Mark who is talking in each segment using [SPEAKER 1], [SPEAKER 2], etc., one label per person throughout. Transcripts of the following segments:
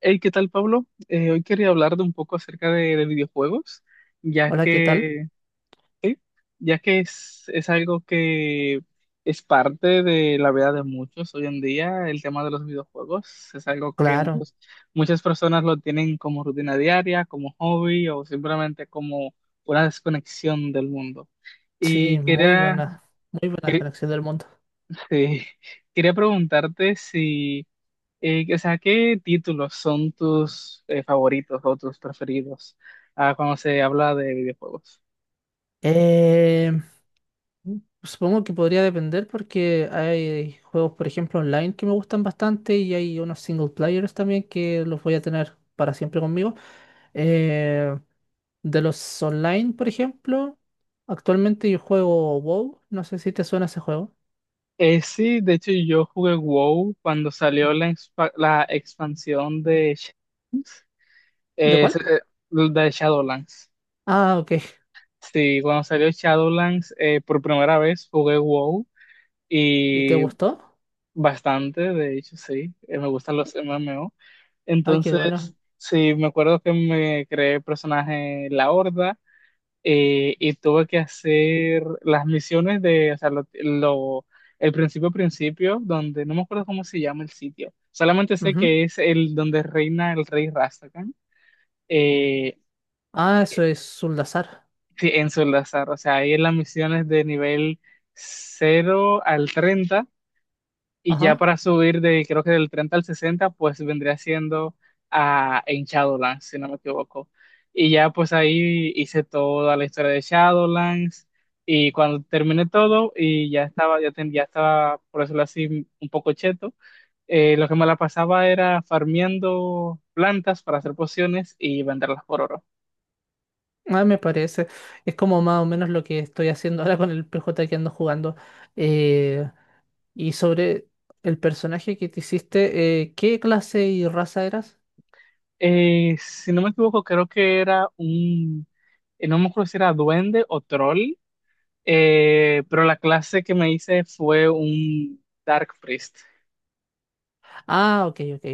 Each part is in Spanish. [SPEAKER 1] Hey, ¿qué tal, Pablo? Hoy quería hablar de un poco acerca de videojuegos, ya
[SPEAKER 2] Hola, ¿qué tal?
[SPEAKER 1] que, ya que es algo que es parte de la vida de muchos hoy en día, el tema de los videojuegos. Es algo que
[SPEAKER 2] Claro,
[SPEAKER 1] muchas personas lo tienen como rutina diaria, como hobby o simplemente como una desconexión del mundo.
[SPEAKER 2] sí,
[SPEAKER 1] Y quería,
[SPEAKER 2] muy buena
[SPEAKER 1] eh,
[SPEAKER 2] conexión del mundo.
[SPEAKER 1] quería preguntarte si... O sea, ¿qué títulos son tus favoritos o tus preferidos cuando se habla de videojuegos?
[SPEAKER 2] Eh, Supongo que podría depender porque hay juegos, por ejemplo, online que me gustan bastante y hay unos single players también que los voy a tener para siempre conmigo. Eh, de los online, por ejemplo, actualmente yo juego WoW, no sé si te suena ese juego.
[SPEAKER 1] Sí, de hecho yo jugué WoW cuando salió la expansión de,
[SPEAKER 2] ¿De
[SPEAKER 1] eh, s-
[SPEAKER 2] cuál?
[SPEAKER 1] eh, de Shadowlands.
[SPEAKER 2] Ah, ok.
[SPEAKER 1] Sí, cuando salió Shadowlands por primera vez jugué WoW
[SPEAKER 2] ¿Y te
[SPEAKER 1] y
[SPEAKER 2] gustó?
[SPEAKER 1] bastante, de hecho sí. Me gustan los MMO.
[SPEAKER 2] Ah, qué
[SPEAKER 1] Entonces,
[SPEAKER 2] bueno.
[SPEAKER 1] sí, me acuerdo que me creé el personaje en La Horda, y tuve que hacer las misiones de, o sea, el principio principio, donde no me acuerdo cómo se llama el sitio, solamente sé
[SPEAKER 2] Ujú.
[SPEAKER 1] que es el donde reina el rey Rastakhan. eh,
[SPEAKER 2] Ah, eso es Zuldazar.
[SPEAKER 1] sí, en Solazar, o sea, ahí en las misiones de nivel 0 al 30. Y ya
[SPEAKER 2] Ajá.
[SPEAKER 1] para subir de, creo que del 30 al 60, pues vendría siendo a, en Shadowlands, si no me equivoco. Y ya pues ahí hice toda la historia de Shadowlands. Y cuando terminé todo y ya estaba, ya, ya estaba, por decirlo así, un poco cheto. Lo que me la pasaba era farmeando plantas para hacer pociones y venderlas por oro.
[SPEAKER 2] Ah, me parece. Es como más o menos lo que estoy haciendo ahora con el PJ que ando jugando. Eh, y sobre el personaje que te hiciste, ¿qué clase y raza eras?
[SPEAKER 1] Si no me equivoco, creo que era un, no me acuerdo si era duende o troll. Pero la clase que me hice fue un Dark Priest.
[SPEAKER 2] Ah, ok, ok.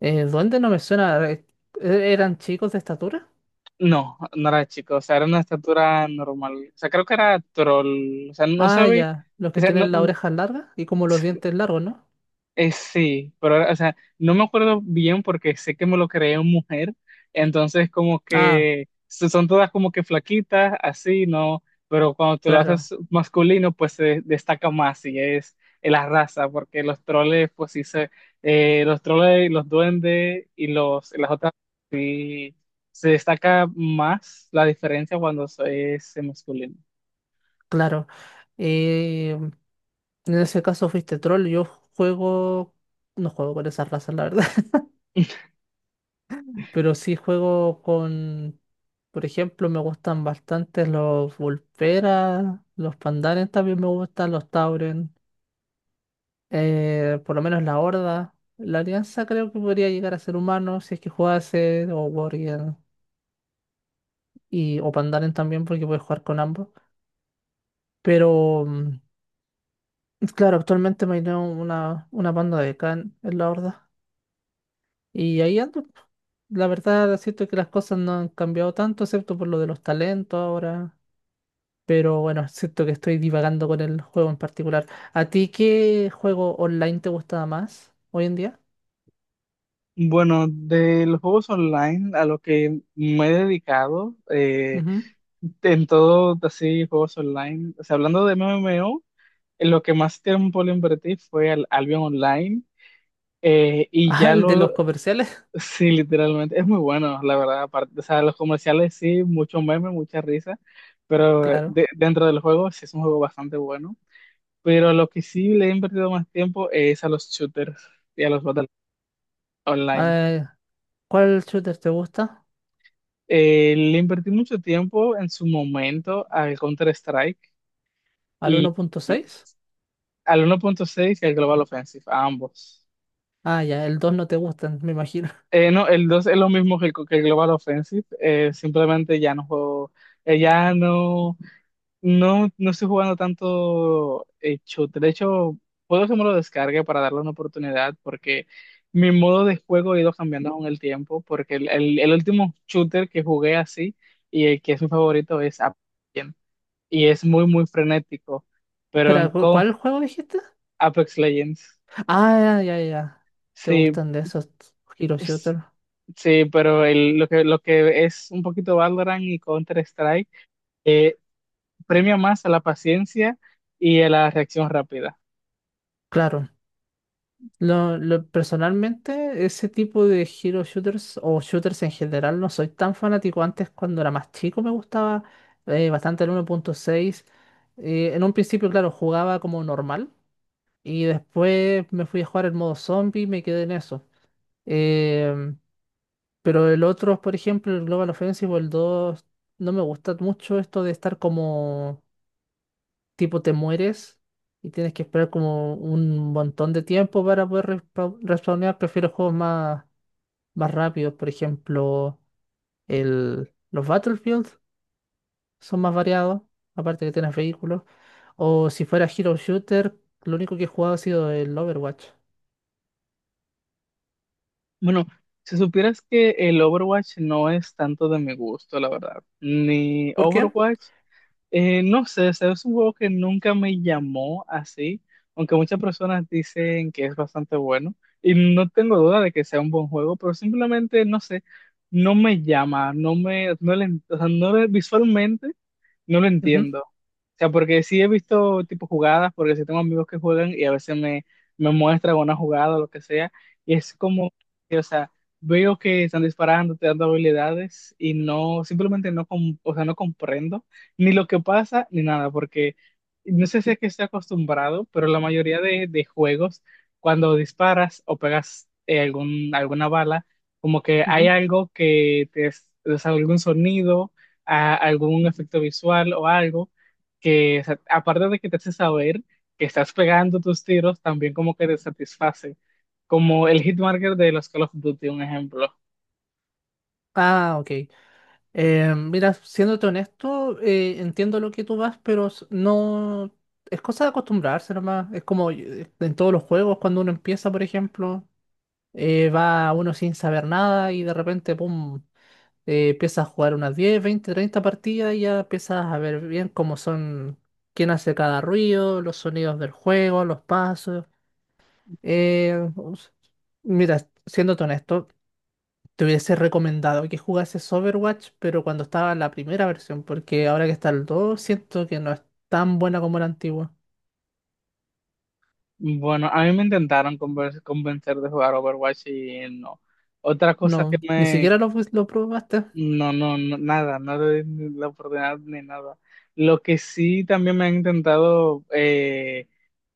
[SPEAKER 2] ¿Duende no me suena? ¿Eran chicos de estatura?
[SPEAKER 1] No, no era chico, o sea, era una estatura normal. O sea, creo que era troll. O sea, no
[SPEAKER 2] Ah,
[SPEAKER 1] sabía.
[SPEAKER 2] ya. Los
[SPEAKER 1] O
[SPEAKER 2] que
[SPEAKER 1] sea, no.
[SPEAKER 2] tienen las orejas largas y como los dientes largos, ¿no?
[SPEAKER 1] Sí, pero, ahora, o sea, no me acuerdo bien porque sé que me lo creé en mujer, entonces como
[SPEAKER 2] Ah,
[SPEAKER 1] que son todas como que flaquitas, así, ¿no? Pero cuando tú lo
[SPEAKER 2] claro,
[SPEAKER 1] haces masculino, pues se destaca más y es la raza, porque los troles, pues sí se, los troles, los duendes y las otras, sí, se destaca más la diferencia cuando es masculino.
[SPEAKER 2] claro. Eh, en ese caso fuiste troll. Juego... No juego con esas razas, la verdad. Pero sí juego con, por ejemplo, me gustan bastante los Vulperas, los Pandaren también me gustan, los Tauren, por lo menos la Horda. La Alianza creo que podría llegar a ser humano si es que jugase, o Warrior, y, o Pandaren también, porque puedes jugar con ambos. Pero, claro, actualmente me dio una banda de Khan en la Horda. Y ahí ando. La verdad, siento que las cosas no han cambiado tanto, excepto por lo de los talentos ahora. Pero bueno, siento que estoy divagando con el juego en particular. ¿A ti qué juego online te gustaba más hoy en día?
[SPEAKER 1] Bueno, de los juegos online a lo que me he dedicado,
[SPEAKER 2] Ujú.
[SPEAKER 1] en todo así juegos online, o sea, hablando de MMO, en lo que más tiempo le invertí fue al Albion Online, eh, y
[SPEAKER 2] Ah,
[SPEAKER 1] ya
[SPEAKER 2] el de
[SPEAKER 1] lo,
[SPEAKER 2] los comerciales,
[SPEAKER 1] sí, literalmente, es muy bueno, la verdad. Aparte, o sea, los comerciales sí, mucho meme, mucha risa, pero
[SPEAKER 2] claro.
[SPEAKER 1] dentro del juego sí es un juego bastante bueno, pero lo que sí le he invertido más tiempo es a los shooters y a los battles online.
[SPEAKER 2] Eh, ¿Cuál shooter te gusta?
[SPEAKER 1] Le invertí mucho tiempo en su momento al Counter-Strike.
[SPEAKER 2] ¿Al 1.6?
[SPEAKER 1] Al 1.6 y al Global Offensive, a ambos.
[SPEAKER 2] Ah, ya, el 2 no te gustan, me imagino.
[SPEAKER 1] No, el 2 es lo mismo que que el Global Offensive. Simplemente ya no juego, eh, ya no, no, no estoy jugando tanto shooter. De hecho, puedo que me lo descargue para darle una oportunidad, porque mi modo de juego ha ido cambiando con el tiempo, porque el último shooter que jugué así y el que es mi favorito es Apex Legends, y es muy, muy frenético, pero en
[SPEAKER 2] Espera,
[SPEAKER 1] Co,
[SPEAKER 2] ¿cuál juego dijiste?
[SPEAKER 1] Apex Legends,
[SPEAKER 2] Ah, ya, ya, ya. ¿Te
[SPEAKER 1] sí.
[SPEAKER 2] gustan de esos hero shooter?
[SPEAKER 1] Sí, pero lo que es un poquito Valorant y Counter-Strike eh, premia más a la paciencia y a la reacción rápida.
[SPEAKER 2] Claro. Personalmente, ese tipo de hero shooters o shooters en general no soy tan fanático. Antes, cuando era más chico, me gustaba bastante el 1.6. En un principio, claro, jugaba como normal y después me fui a jugar el modo zombie y me quedé en eso. Em, pero el otro, por ejemplo, el Global Offensive o el 2 no me gusta mucho esto de estar como tipo te mueres y tienes que esperar como un montón de tiempo para poder respawnear. Prefiero juegos más, más rápidos, por ejemplo, los Battlefield son más variados, aparte que tienes vehículos. O si fuera Hero Shooter, lo único que he jugado ha sido el Overwatch.
[SPEAKER 1] Bueno, si supieras que el Overwatch no es tanto de mi gusto, la verdad. Ni
[SPEAKER 2] ¿Por qué?
[SPEAKER 1] Overwatch, no sé, o sea, es un juego que nunca me llamó así, aunque muchas personas dicen que es bastante bueno. Y no tengo duda de que sea un buen juego, pero simplemente, no sé, no me llama, no me, no le, o sea, visualmente no lo
[SPEAKER 2] Ujú,
[SPEAKER 1] entiendo. O sea, porque sí he visto tipo jugadas, porque sí tengo amigos que juegan y a veces me muestran una jugada o lo que sea, y es como, o sea, veo que están disparando, te dando habilidades y no, simplemente no, o sea, no comprendo ni lo que pasa ni nada, porque no sé si es que estoy acostumbrado, pero la mayoría de juegos, cuando disparas o pegas algún, alguna bala, como que
[SPEAKER 2] ujú.
[SPEAKER 1] hay algo que te, o sea, algún sonido a algún efecto visual o algo que, o sea, aparte de que te hace saber que estás pegando tus tiros, también como que te satisface, como el hitmarker de los Call of Duty, un ejemplo.
[SPEAKER 2] Ah, ok. Mira, siéndote honesto, entiendo lo que tú vas, pero no. Es cosa de acostumbrarse nomás. Es como en todos los juegos, cuando uno empieza, por ejemplo, va uno sin saber nada y de repente, pum, empieza a jugar unas 10, 20, 30 partidas y ya empiezas a ver bien cómo son, quién hace cada ruido, los sonidos del juego, los pasos. Eh, us- Mira, siéndote honesto. Te hubiese recomendado que jugases Overwatch, pero cuando estaba la primera versión, porque ahora que está el 2 siento que no es tan buena como la antigua.
[SPEAKER 1] Bueno, a mí me intentaron convencer de jugar Overwatch y no. Otra cosa que
[SPEAKER 2] No, ni
[SPEAKER 1] me...
[SPEAKER 2] siquiera lo probaste,
[SPEAKER 1] No, no, no, nada, no le di ni la oportunidad ni nada. Lo que sí también me han intentado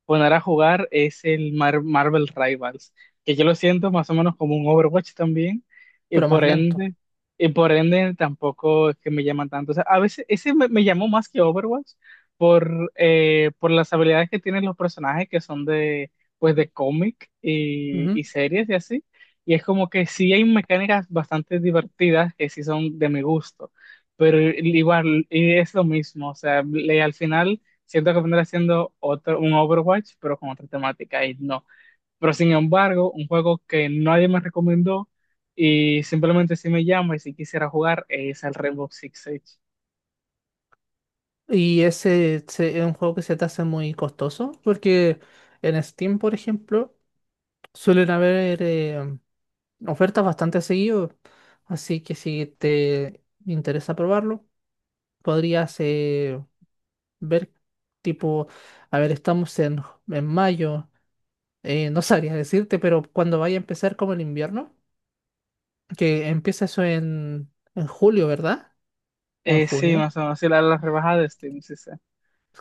[SPEAKER 1] poner a jugar es el Marvel Rivals, que yo lo siento más o menos como un Overwatch también, y
[SPEAKER 2] pero más
[SPEAKER 1] por
[SPEAKER 2] lento.
[SPEAKER 1] ende, y por ende tampoco es que me llaman tanto. O sea, a veces ese me llamó más que Overwatch por las habilidades que tienen los personajes que son de, pues de cómic
[SPEAKER 2] Ujú.
[SPEAKER 1] y series y así. Y es como que sí hay mecánicas bastante divertidas que sí son de mi gusto, pero igual y es lo mismo, o sea, le- al final... Siento que vendrá siendo otro, un Overwatch, pero con otra temática y no. Pero sin embargo, un juego que nadie me recomendó y simplemente si me llama y si quisiera jugar es el Rainbow Six Siege.
[SPEAKER 2] Y ese es un juego que se te hace muy costoso, porque en Steam, por ejemplo, suelen haber ofertas bastante seguido. Así que si te interesa probarlo, podrías ver, tipo, a ver, estamos en mayo. No sabría decirte, pero cuando vaya a empezar como el invierno, que empieza eso en julio, ¿verdad? O en
[SPEAKER 1] Sí,
[SPEAKER 2] junio.
[SPEAKER 1] más o menos, sí, la rebajada de Steam, sí, sí.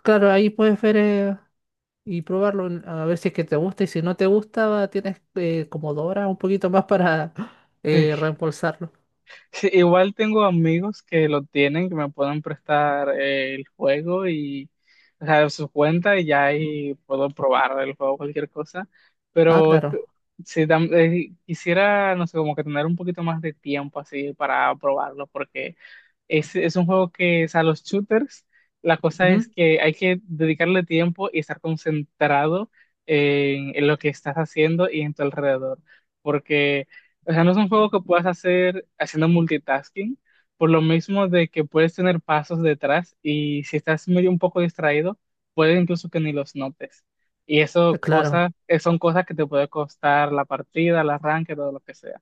[SPEAKER 2] Claro, ahí puedes ver y probarlo, a ver si es que te gusta y si no te gusta, tienes como 2 horas, un poquito más para reembolsarlo.
[SPEAKER 1] Sí, igual tengo amigos que lo tienen, que me pueden prestar el juego y, o sea, su cuenta y ya ahí puedo probar el juego, cualquier cosa.
[SPEAKER 2] Ah,
[SPEAKER 1] Pero es que,
[SPEAKER 2] claro.
[SPEAKER 1] sí, quisiera, no sé, como que tener un poquito más de tiempo así para probarlo, porque es un juego que, o sea, los shooters, la cosa es
[SPEAKER 2] Ujú.
[SPEAKER 1] que hay que dedicarle tiempo y estar concentrado en lo que estás haciendo y en tu alrededor. Porque o sea, no es un juego que puedas hacer haciendo multitasking, por lo mismo de que puedes tener pasos detrás y si estás medio un poco distraído, puede incluso que ni los notes. Y eso
[SPEAKER 2] Claro.
[SPEAKER 1] cosas son cosas que te puede costar la partida, el arranque, todo lo que sea.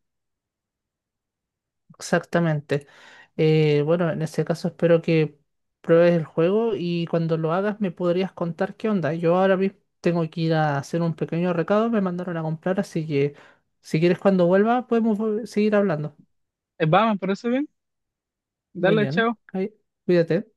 [SPEAKER 2] Exactamente. Bueno, en ese caso espero que pruebes el juego y cuando lo hagas me podrías contar qué onda. Yo ahora mismo tengo que ir a hacer un pequeño recado, me mandaron a comprar, así que si quieres cuando vuelva podemos seguir hablando.
[SPEAKER 1] Vamos, pero eso bien.
[SPEAKER 2] Muy
[SPEAKER 1] Dale,
[SPEAKER 2] bien,
[SPEAKER 1] chao.
[SPEAKER 2] ahí, cuídate.